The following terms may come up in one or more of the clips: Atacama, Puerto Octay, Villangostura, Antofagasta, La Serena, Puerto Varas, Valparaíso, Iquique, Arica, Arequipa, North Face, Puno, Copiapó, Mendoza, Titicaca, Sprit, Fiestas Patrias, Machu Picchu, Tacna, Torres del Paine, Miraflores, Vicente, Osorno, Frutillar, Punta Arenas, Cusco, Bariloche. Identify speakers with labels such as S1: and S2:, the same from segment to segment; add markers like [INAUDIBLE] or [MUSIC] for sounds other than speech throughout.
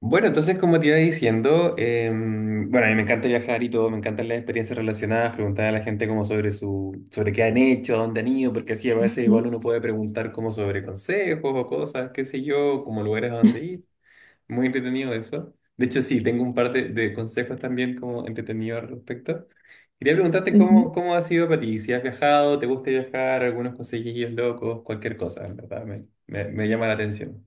S1: Bueno, entonces como te iba diciendo, bueno, a mí me encanta viajar y todo, me encantan las experiencias relacionadas, preguntar a la gente como sobre su, sobre qué han hecho, a dónde han ido, porque así a veces
S2: Ujú,
S1: igual uno puede preguntar como sobre consejos o cosas, qué sé yo, como lugares a dónde ir. Muy entretenido eso. De hecho, sí, tengo un par de consejos también como entretenidos al respecto. Quería preguntarte
S2: ujú.
S1: cómo, cómo ha sido para ti, si has viajado, te gusta viajar, algunos consejillos locos, cualquier cosa, en ¿verdad? Me llama la atención.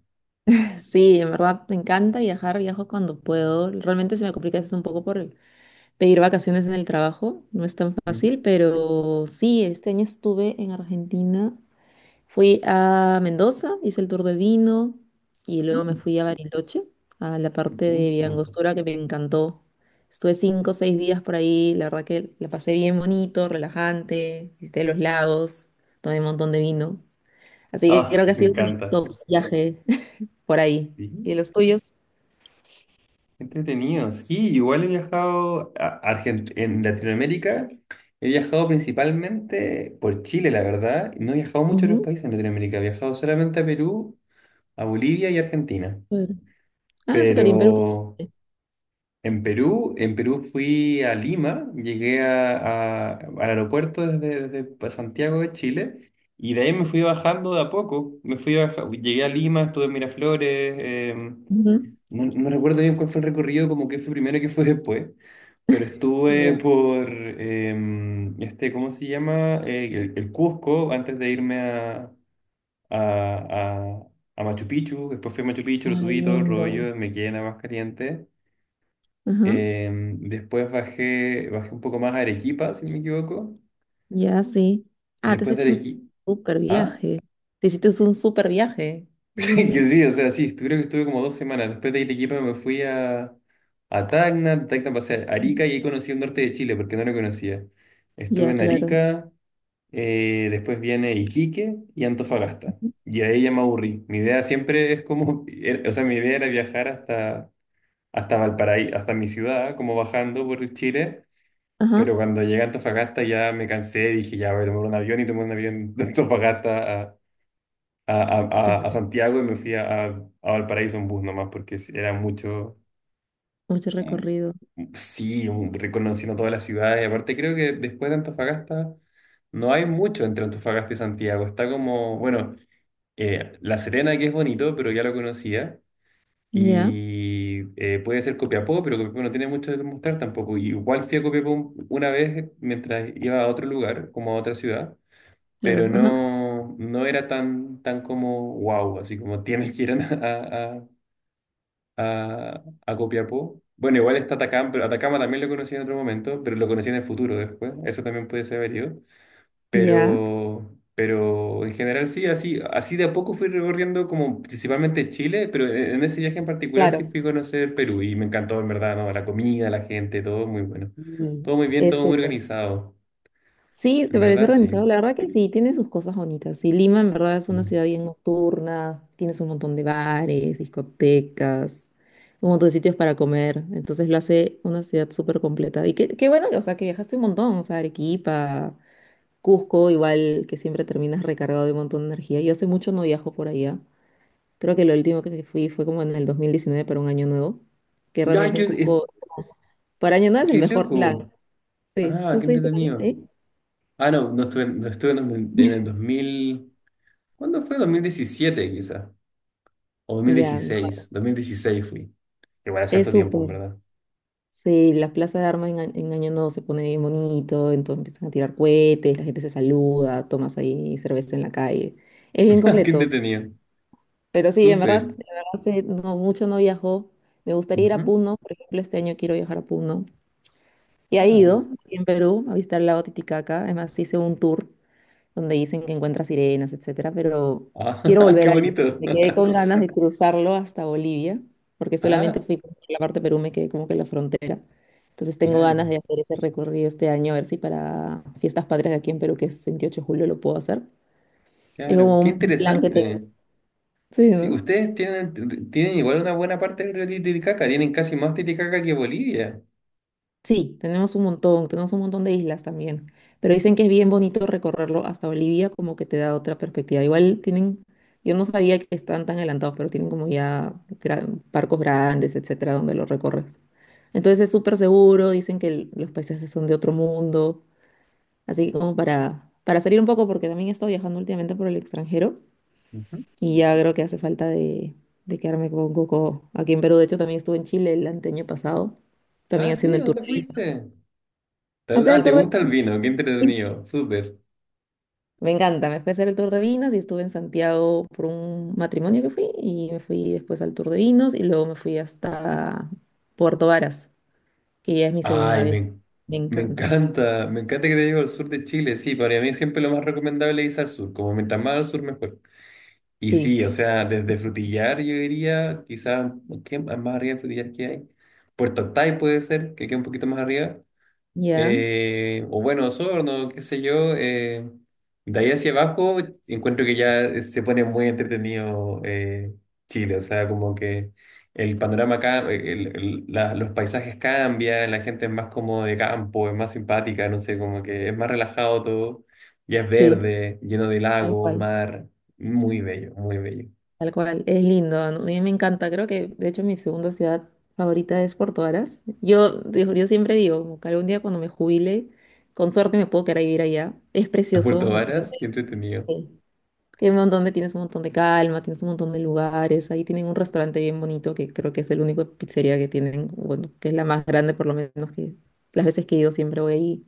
S2: Sí, en verdad me encanta viajar, viajo cuando puedo. Realmente se me complica a veces un poco por el- pedir vacaciones en el trabajo, no es tan
S1: Ujú.
S2: fácil, pero sí, este año estuve en Argentina, fui a Mendoza, hice el tour del vino y luego me
S1: Mm.
S2: fui a Bariloche, a la parte de
S1: Buenísimo.
S2: Villangostura que me encantó. Estuve cinco o seis días por ahí, la verdad que la pasé bien bonito, relajante, visité los lagos, tomé un montón de vino. Así que
S1: Ah,
S2: creo que ha
S1: me
S2: sido uno de mis
S1: encanta.
S2: tops viajes por ahí. ¿Y
S1: Sí,
S2: los tuyos?
S1: qué entretenido. Sí, igual he viajado a en Latinoamérica. He viajado principalmente por Chile, la verdad. No he viajado mucho a otros
S2: Ujú,
S1: países en Latinoamérica. He viajado solamente a Perú, a Bolivia y Argentina.
S2: Perú. Ah, súper
S1: Pero
S2: bien, Perú. Conocí.
S1: en Perú fui a Lima, al aeropuerto desde, desde Santiago de Chile. Y de ahí me fui bajando de a poco. Llegué a Lima, estuve en Miraflores.
S2: Ujú.
S1: No, no recuerdo bien cuál fue el recorrido, como que fue primero y qué fue después, pero estuve
S2: Ya.
S1: por, este, ¿cómo se llama? El Cusco, antes de irme a, a, a Machu Picchu. Después fui a Machu Picchu, lo
S2: Ay,
S1: subí todo el
S2: lindo.
S1: rollo, me quedé en la más caliente.
S2: Ajá,
S1: Eh, después bajé, bajé un poco más a Arequipa, si no me equivoco,
S2: ya, sí. Ah, te has
S1: después de
S2: hecho un
S1: Arequipa,
S2: súper
S1: ¿ah?
S2: viaje. Te hiciste un súper viaje. Qué
S1: [LAUGHS] Que
S2: lindo.
S1: sí, o sea, sí, creo que estuve como dos semanas. Después de Arequipa me fui a Tacna. De Tacna pasé a
S2: Ujú.
S1: Arica y ahí conocí el norte de Chile porque no lo conocía. Estuve
S2: Ya,
S1: en
S2: claro.
S1: Arica. Después viene Iquique y Antofagasta. Y ahí ya me aburrí. Mi idea siempre es como, [LAUGHS] o sea, mi idea era viajar hasta, hasta Valparaíso, hasta mi ciudad, como bajando por Chile.
S2: Ajá.
S1: Pero cuando llegué a Antofagasta ya me cansé, dije, ya voy a tomar un avión y tomé un avión de Antofagasta a, a
S2: Claro.
S1: Santiago, y me fui a Valparaíso en bus nomás, porque sí, era mucho.
S2: Mucho
S1: Mm,
S2: recorrido.
S1: sí, reconociendo todas las ciudades. Y aparte creo que después de Antofagasta no hay mucho entre Antofagasta y Santiago. Está como, bueno, La Serena, que es bonito, pero ya lo conocía.
S2: Ya,
S1: Y puede ser Copiapó, pero Copiapó no tiene mucho que mostrar tampoco. Y igual fui a Copiapó una vez mientras iba a otro lugar, como a otra ciudad,
S2: claro.
S1: pero
S2: Ajá.
S1: no, no era tan, tan como wow, así como tienes que ir a Copiapó. Bueno, igual está Atacama, pero Atacama también lo conocí en otro momento, pero lo conocí en el futuro después, eso también puede ser variado.
S2: Ya.
S1: Pero en general sí, así, así de a poco fui recorriendo como principalmente Chile, pero en ese viaje en particular sí
S2: Claro.
S1: fui a conocer Perú y me encantó en verdad, ¿no? La comida, la gente, todo muy bueno,
S2: Mm,
S1: todo muy bien,
S2: es
S1: todo muy
S2: súper.
S1: organizado,
S2: Sí,
S1: en
S2: te parece
S1: verdad
S2: organizado.
S1: sí.
S2: La verdad que sí, tiene sus cosas bonitas. Y Lima en verdad es una ciudad bien nocturna, tienes un montón de bares, discotecas, un montón de sitios para comer. Entonces lo hace una ciudad súper completa. Y qué, qué bueno que, o sea, que viajaste un montón, o sea, Arequipa, Cusco, igual que siempre terminas recargado de un montón de energía. Yo hace mucho no viajo por allá. Creo que lo último que fui fue como en el 2019 para un año nuevo, que
S1: Ya,
S2: realmente en
S1: yo,
S2: Cusco, para año nuevo es el
S1: ¡Qué
S2: mejor plan.
S1: loco!
S2: Sí,
S1: Ah,
S2: ¿tú
S1: qué
S2: estuviste también
S1: entretenido.
S2: ahí?
S1: Ah, no, no estuve, no estuve en, en el 2000. ¿Cuándo fue? 2017, quizá. O dos dos mil
S2: Ya,
S1: dieciséis 2016 fui. Igual hace
S2: es
S1: harto tiempo, en
S2: súper.
S1: verdad.
S2: Sí, la plaza de armas en, a- en Año Nuevo se pone bien bonito, entonces empiezan a tirar cohetes, la gente se saluda, tomas ahí cerveza en la calle. Es bien
S1: [LAUGHS] Qué
S2: completo.
S1: entretenido.
S2: Pero sí, en
S1: Súper.
S2: verdad sí, no, mucho no viajó. Me gustaría ir a
S1: Ujú.
S2: Puno, por ejemplo, este año quiero viajar a Puno. Y ha
S1: Ah,
S2: ido aquí en Perú a visitar el lago Titicaca, además hice un tour donde dicen que encuentra sirenas, etcétera, pero
S1: ah,
S2: quiero
S1: [LAUGHS]
S2: volver
S1: qué
S2: a ir.
S1: bonito.
S2: Me quedé
S1: [LAUGHS]
S2: con ganas de cruzarlo hasta Bolivia, porque solamente
S1: Ah,
S2: fui por la parte de Perú, me quedé como que en la frontera. Entonces tengo ganas
S1: claro,
S2: de hacer ese recorrido este año, a ver si para Fiestas Patrias de aquí en Perú, que es 28 de julio, lo puedo hacer. Es
S1: claro.
S2: como
S1: Qué
S2: un plan que tengo.
S1: interesante.
S2: Sí,
S1: Sí,
S2: ¿no?
S1: ustedes tienen, tienen igual una buena parte del río Titicaca. Tienen casi más Titicaca que Bolivia.
S2: Sí, tenemos un montón de islas también, pero dicen que es bien bonito recorrerlo hasta Bolivia, como que te da otra perspectiva. Igual tienen, yo no sabía que están tan adelantados, pero tienen como ya gran- barcos grandes, etcétera, donde lo recorres. Entonces es súper seguro, dicen que el- los paisajes son de otro mundo, así que como para salir un poco, porque también he estado viajando últimamente por el extranjero
S1: Ujú.
S2: y ya creo que hace falta de quedarme con coco aquí en Perú. De hecho, también estuve en Chile el anteaño pasado,
S1: Ah,
S2: también
S1: sí,
S2: haciendo el tour
S1: ¿dónde
S2: de vinos.
S1: fuiste?
S2: Hacer
S1: Ah,
S2: el
S1: ¿te
S2: tour de
S1: gusta el vino? Qué entretenido, súper.
S2: me encanta, me fui a hacer el tour de vinos y estuve en Santiago por un matrimonio que fui y me fui después al tour de vinos y luego me fui hasta Puerto Varas, que ya es mi
S1: Ay,
S2: segunda vez. Me
S1: me
S2: encanta.
S1: encanta, me encanta, que te digo, el sur de Chile, sí, para mí siempre lo más recomendable es ir al sur, como mientras más al sur mejor. Y
S2: Sí,
S1: sí, o sea, desde Frutillar yo diría, quizás, ¿qué más arriba de Frutillar que hay? Puerto Octay puede ser, que queda un poquito más arriba.
S2: ya,
S1: O bueno, Osorno, qué sé yo. De ahí hacia abajo encuentro que ya se pone muy entretenido. Chile, o sea, como que el panorama acá, los paisajes cambian, la gente es más como de campo, es más simpática, no sé, como que es más relajado todo, ya es
S2: sí,
S1: verde, lleno de
S2: tal
S1: lagos,
S2: cual,
S1: mar, muy bello, muy bello.
S2: tal cual. Es lindo, ¿no? A mí me encanta. Creo que, de hecho, mi segunda ciudad favorita es Puerto Varas. Yo, digo- yo siempre digo, como que algún día cuando me jubile, con suerte me puedo quedar a vivir allá. Es
S1: A
S2: precioso,
S1: Puerto
S2: me parece.
S1: Varas, qué entretenido.
S2: Sí. Tiene un montón de, tienes un montón de calma, tienes un montón de lugares. Ahí tienen un restaurante bien bonito que creo que es el único pizzería que tienen, bueno, que es la más grande por lo menos que las veces que he ido siempre voy ahí.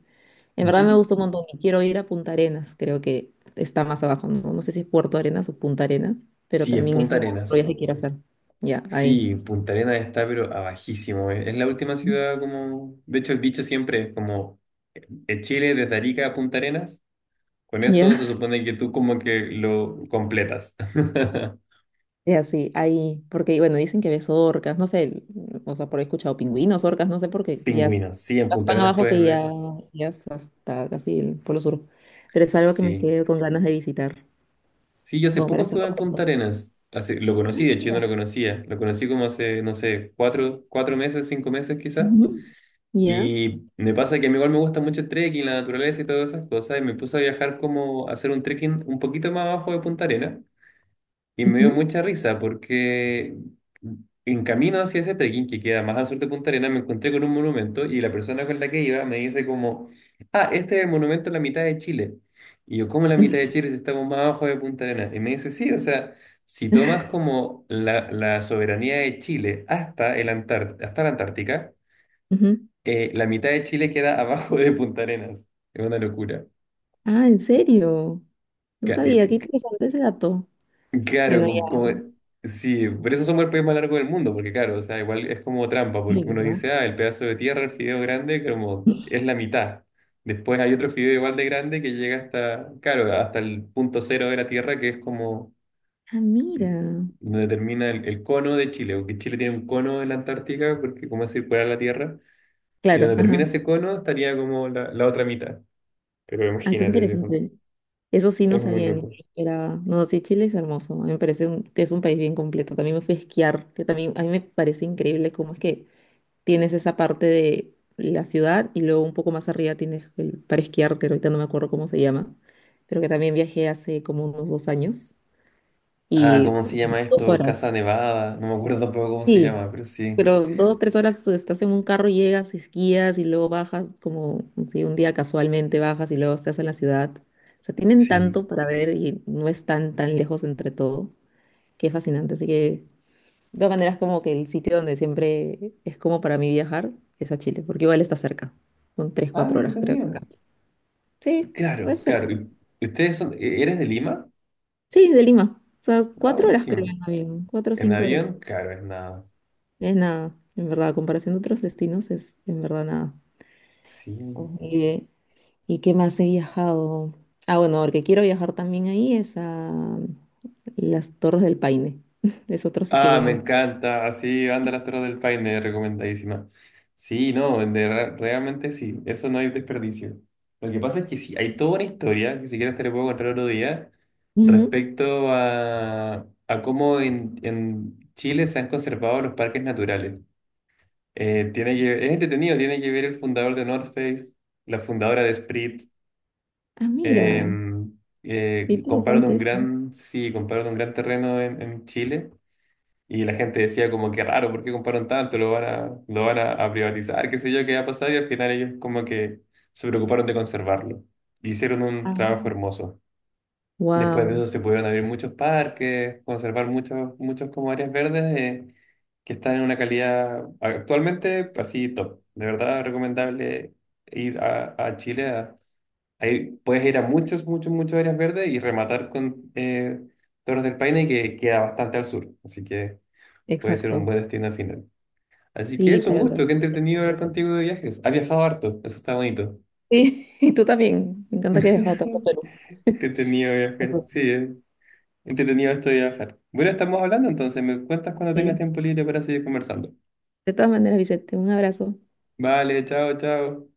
S2: En
S1: Ujú.
S2: verdad me gusta un montón y quiero ir a Punta Arenas, creo que está más abajo, no, no sé si es Puerto Arenas o Punta Arenas, pero
S1: Sí, es
S2: también es
S1: Punta
S2: como otro
S1: Arenas.
S2: viaje que quiero hacer. Ya, ahí.
S1: Sí, Punta Arenas está pero abajísimo. Es la última ciudad como... De hecho, el dicho siempre es como de Chile desde Arica a Punta Arenas. Con eso
S2: Ya.
S1: se supone que tú como que lo completas. [LAUGHS]
S2: Y así, ahí, porque bueno, dicen que ves orcas, no sé, o sea, por ahí he escuchado pingüinos, orcas, no sé, porque ya es-
S1: Pingüinos. Sí, en
S2: estás
S1: Punta
S2: tan
S1: Arenas
S2: abajo
S1: puedes
S2: que ya,
S1: ver.
S2: ya es hasta casi el Polo Sur. Pero es algo que me
S1: Sí.
S2: quedo con ganas de visitar,
S1: Sí, yo hace
S2: como para
S1: poco estuve
S2: hacerlo
S1: en Punta
S2: pronto.
S1: Arenas. Hace, lo conocí, de hecho yo no
S2: Ya.
S1: lo conocía. Lo conocí como hace, no sé, cuatro, cuatro meses, cinco meses quizás.
S2: Ujú. Ya,
S1: Y me pasa que a mí igual me gusta mucho el trekking, la naturaleza y todas esas cosas, y me puse a viajar como a hacer un trekking un poquito más abajo de Punta Arenas, y me dio
S2: ujú,
S1: mucha risa porque en camino hacia ese trekking que queda más al sur de Punta Arenas me encontré con un monumento y la persona con la que iba me dice como, ah, este es el monumento en la mitad de Chile. Y yo, ¿cómo en la mitad de
S2: [LAUGHS]
S1: Chile si estamos más abajo de Punta Arenas? Y me dice, sí, o sea, si tomas como la soberanía de Chile hasta, hasta la Antártica,
S2: ujú.
S1: la mitad de Chile queda abajo de Punta Arenas. Es una locura.
S2: Ah, ¿en serio? No
S1: Ca-
S2: sabía, qué
S1: me-
S2: interesante ese dato.
S1: Claro,
S2: Bueno, ya,
S1: sí, por eso somos el país más largo del mundo, porque claro, o sea, igual es como trampa,
S2: sí,
S1: porque uno
S2: ¿verdad?
S1: dice, ah, el pedazo de tierra, el fideo grande, como es la mitad. Después hay otro fideo igual de grande que llega hasta, claro, hasta el punto cero de la tierra, que es como
S2: Ah, mira.
S1: donde termina el cono de Chile, porque Chile tiene un cono en la Antártica, porque como es circular la tierra, y
S2: Claro,
S1: donde termina
S2: ajá.
S1: ese cono estaría como la otra mitad. Pero
S2: Ah, qué
S1: imagínate,
S2: interesante. Eso sí no
S1: es muy
S2: sabía ni me
S1: loco.
S2: esperaba. No, sí, Chile es hermoso. A mí me parece un- que es un país bien completo. También me fui a esquiar, que también a mí me parece increíble cómo es que tienes esa parte de la ciudad y luego un poco más arriba tienes el, para esquiar, que ahorita no me acuerdo cómo se llama, pero que también viajé hace como unos dos años
S1: Ah,
S2: y
S1: ¿cómo se llama
S2: dos
S1: esto? Casa
S2: horas.
S1: Nevada. No me acuerdo tampoco cómo se
S2: Sí,
S1: llama, pero sí.
S2: pero dos, tres horas estás en un carro, llegas, esquías y luego bajas, como si un día casualmente bajas y luego estás en la ciudad. O sea, tienen
S1: Sí.
S2: tanto para ver y no están tan lejos entre todo, que es fascinante. Así que, de todas maneras, como que el sitio donde siempre es como para mí viajar es a Chile, porque igual está cerca. Son tres,
S1: Ah, qué
S2: cuatro horas, creo. Acá.
S1: entretenido.
S2: Sí, es
S1: Claro, claro.
S2: cerca.
S1: ¿Y ¿ustedes son, eres de Lima?
S2: Sí, de Lima. O sea,
S1: Ah,
S2: cuatro horas creo
S1: buenísimo.
S2: en avión, cuatro o
S1: ¿En
S2: cinco horas.
S1: avión? Claro, es nada.
S2: Es nada, en verdad, a comparación de otros destinos, es en verdad nada.
S1: Sí.
S2: Ok. Y, ¿y qué más he viajado? Ah, bueno, porque quiero viajar también ahí es a las Torres del Paine. [LAUGHS] Es otro sitio que
S1: Ah,
S2: me
S1: me
S2: gusta.
S1: encanta. Así, anda las Torres del Paine, recomendadísima. Sí, no, de realmente sí, eso no hay desperdicio. Lo que pasa es que sí, hay toda una historia, que si quieres te la puedo contar otro día,
S2: Ujú.
S1: respecto a cómo en Chile se han conservado los parques naturales. Tiene que, es entretenido, tiene que ver el fundador de North Face, la fundadora de Sprit.
S2: Ah,
S1: Eh,
S2: mira, qué
S1: compraron un
S2: interesante eso.
S1: gran, sí, compraron un gran terreno en Chile, y la gente decía como que raro, ¿por qué compraron tanto? Lo van a privatizar, qué sé yo, qué va a pasar. Y al final ellos como que se preocuparon de conservarlo. Y hicieron un trabajo hermoso. Después de
S2: Wow,
S1: eso se pudieron abrir muchos parques, conservar muchos, muchos como áreas verdes. Que están en una calidad actualmente pues, así top. De verdad recomendable ir a Chile. A, puedes ir a muchos, muchos, muchos áreas verdes y rematar con Torres del Paine, que queda bastante al sur. Así que puede ser un
S2: exacto.
S1: buen destino al final. Así que
S2: Sí,
S1: es un
S2: para los
S1: gusto, qué
S2: viajes
S1: entretenido hablar
S2: completos.
S1: contigo de viajes. Has viajado harto, eso está bonito.
S2: Sí, [LAUGHS] y tú también. Me encanta que hayas viajado tanto a
S1: [LAUGHS]
S2: Perú.
S1: Qué
S2: [LAUGHS]
S1: entretenido viajar,
S2: Ojo.
S1: sí, entretenido esto de viajar. Bueno, estamos hablando entonces, me cuentas cuando tengas
S2: Sí.
S1: tiempo libre para seguir conversando.
S2: De todas maneras, Vicente, un abrazo.
S1: Vale, chao, chao.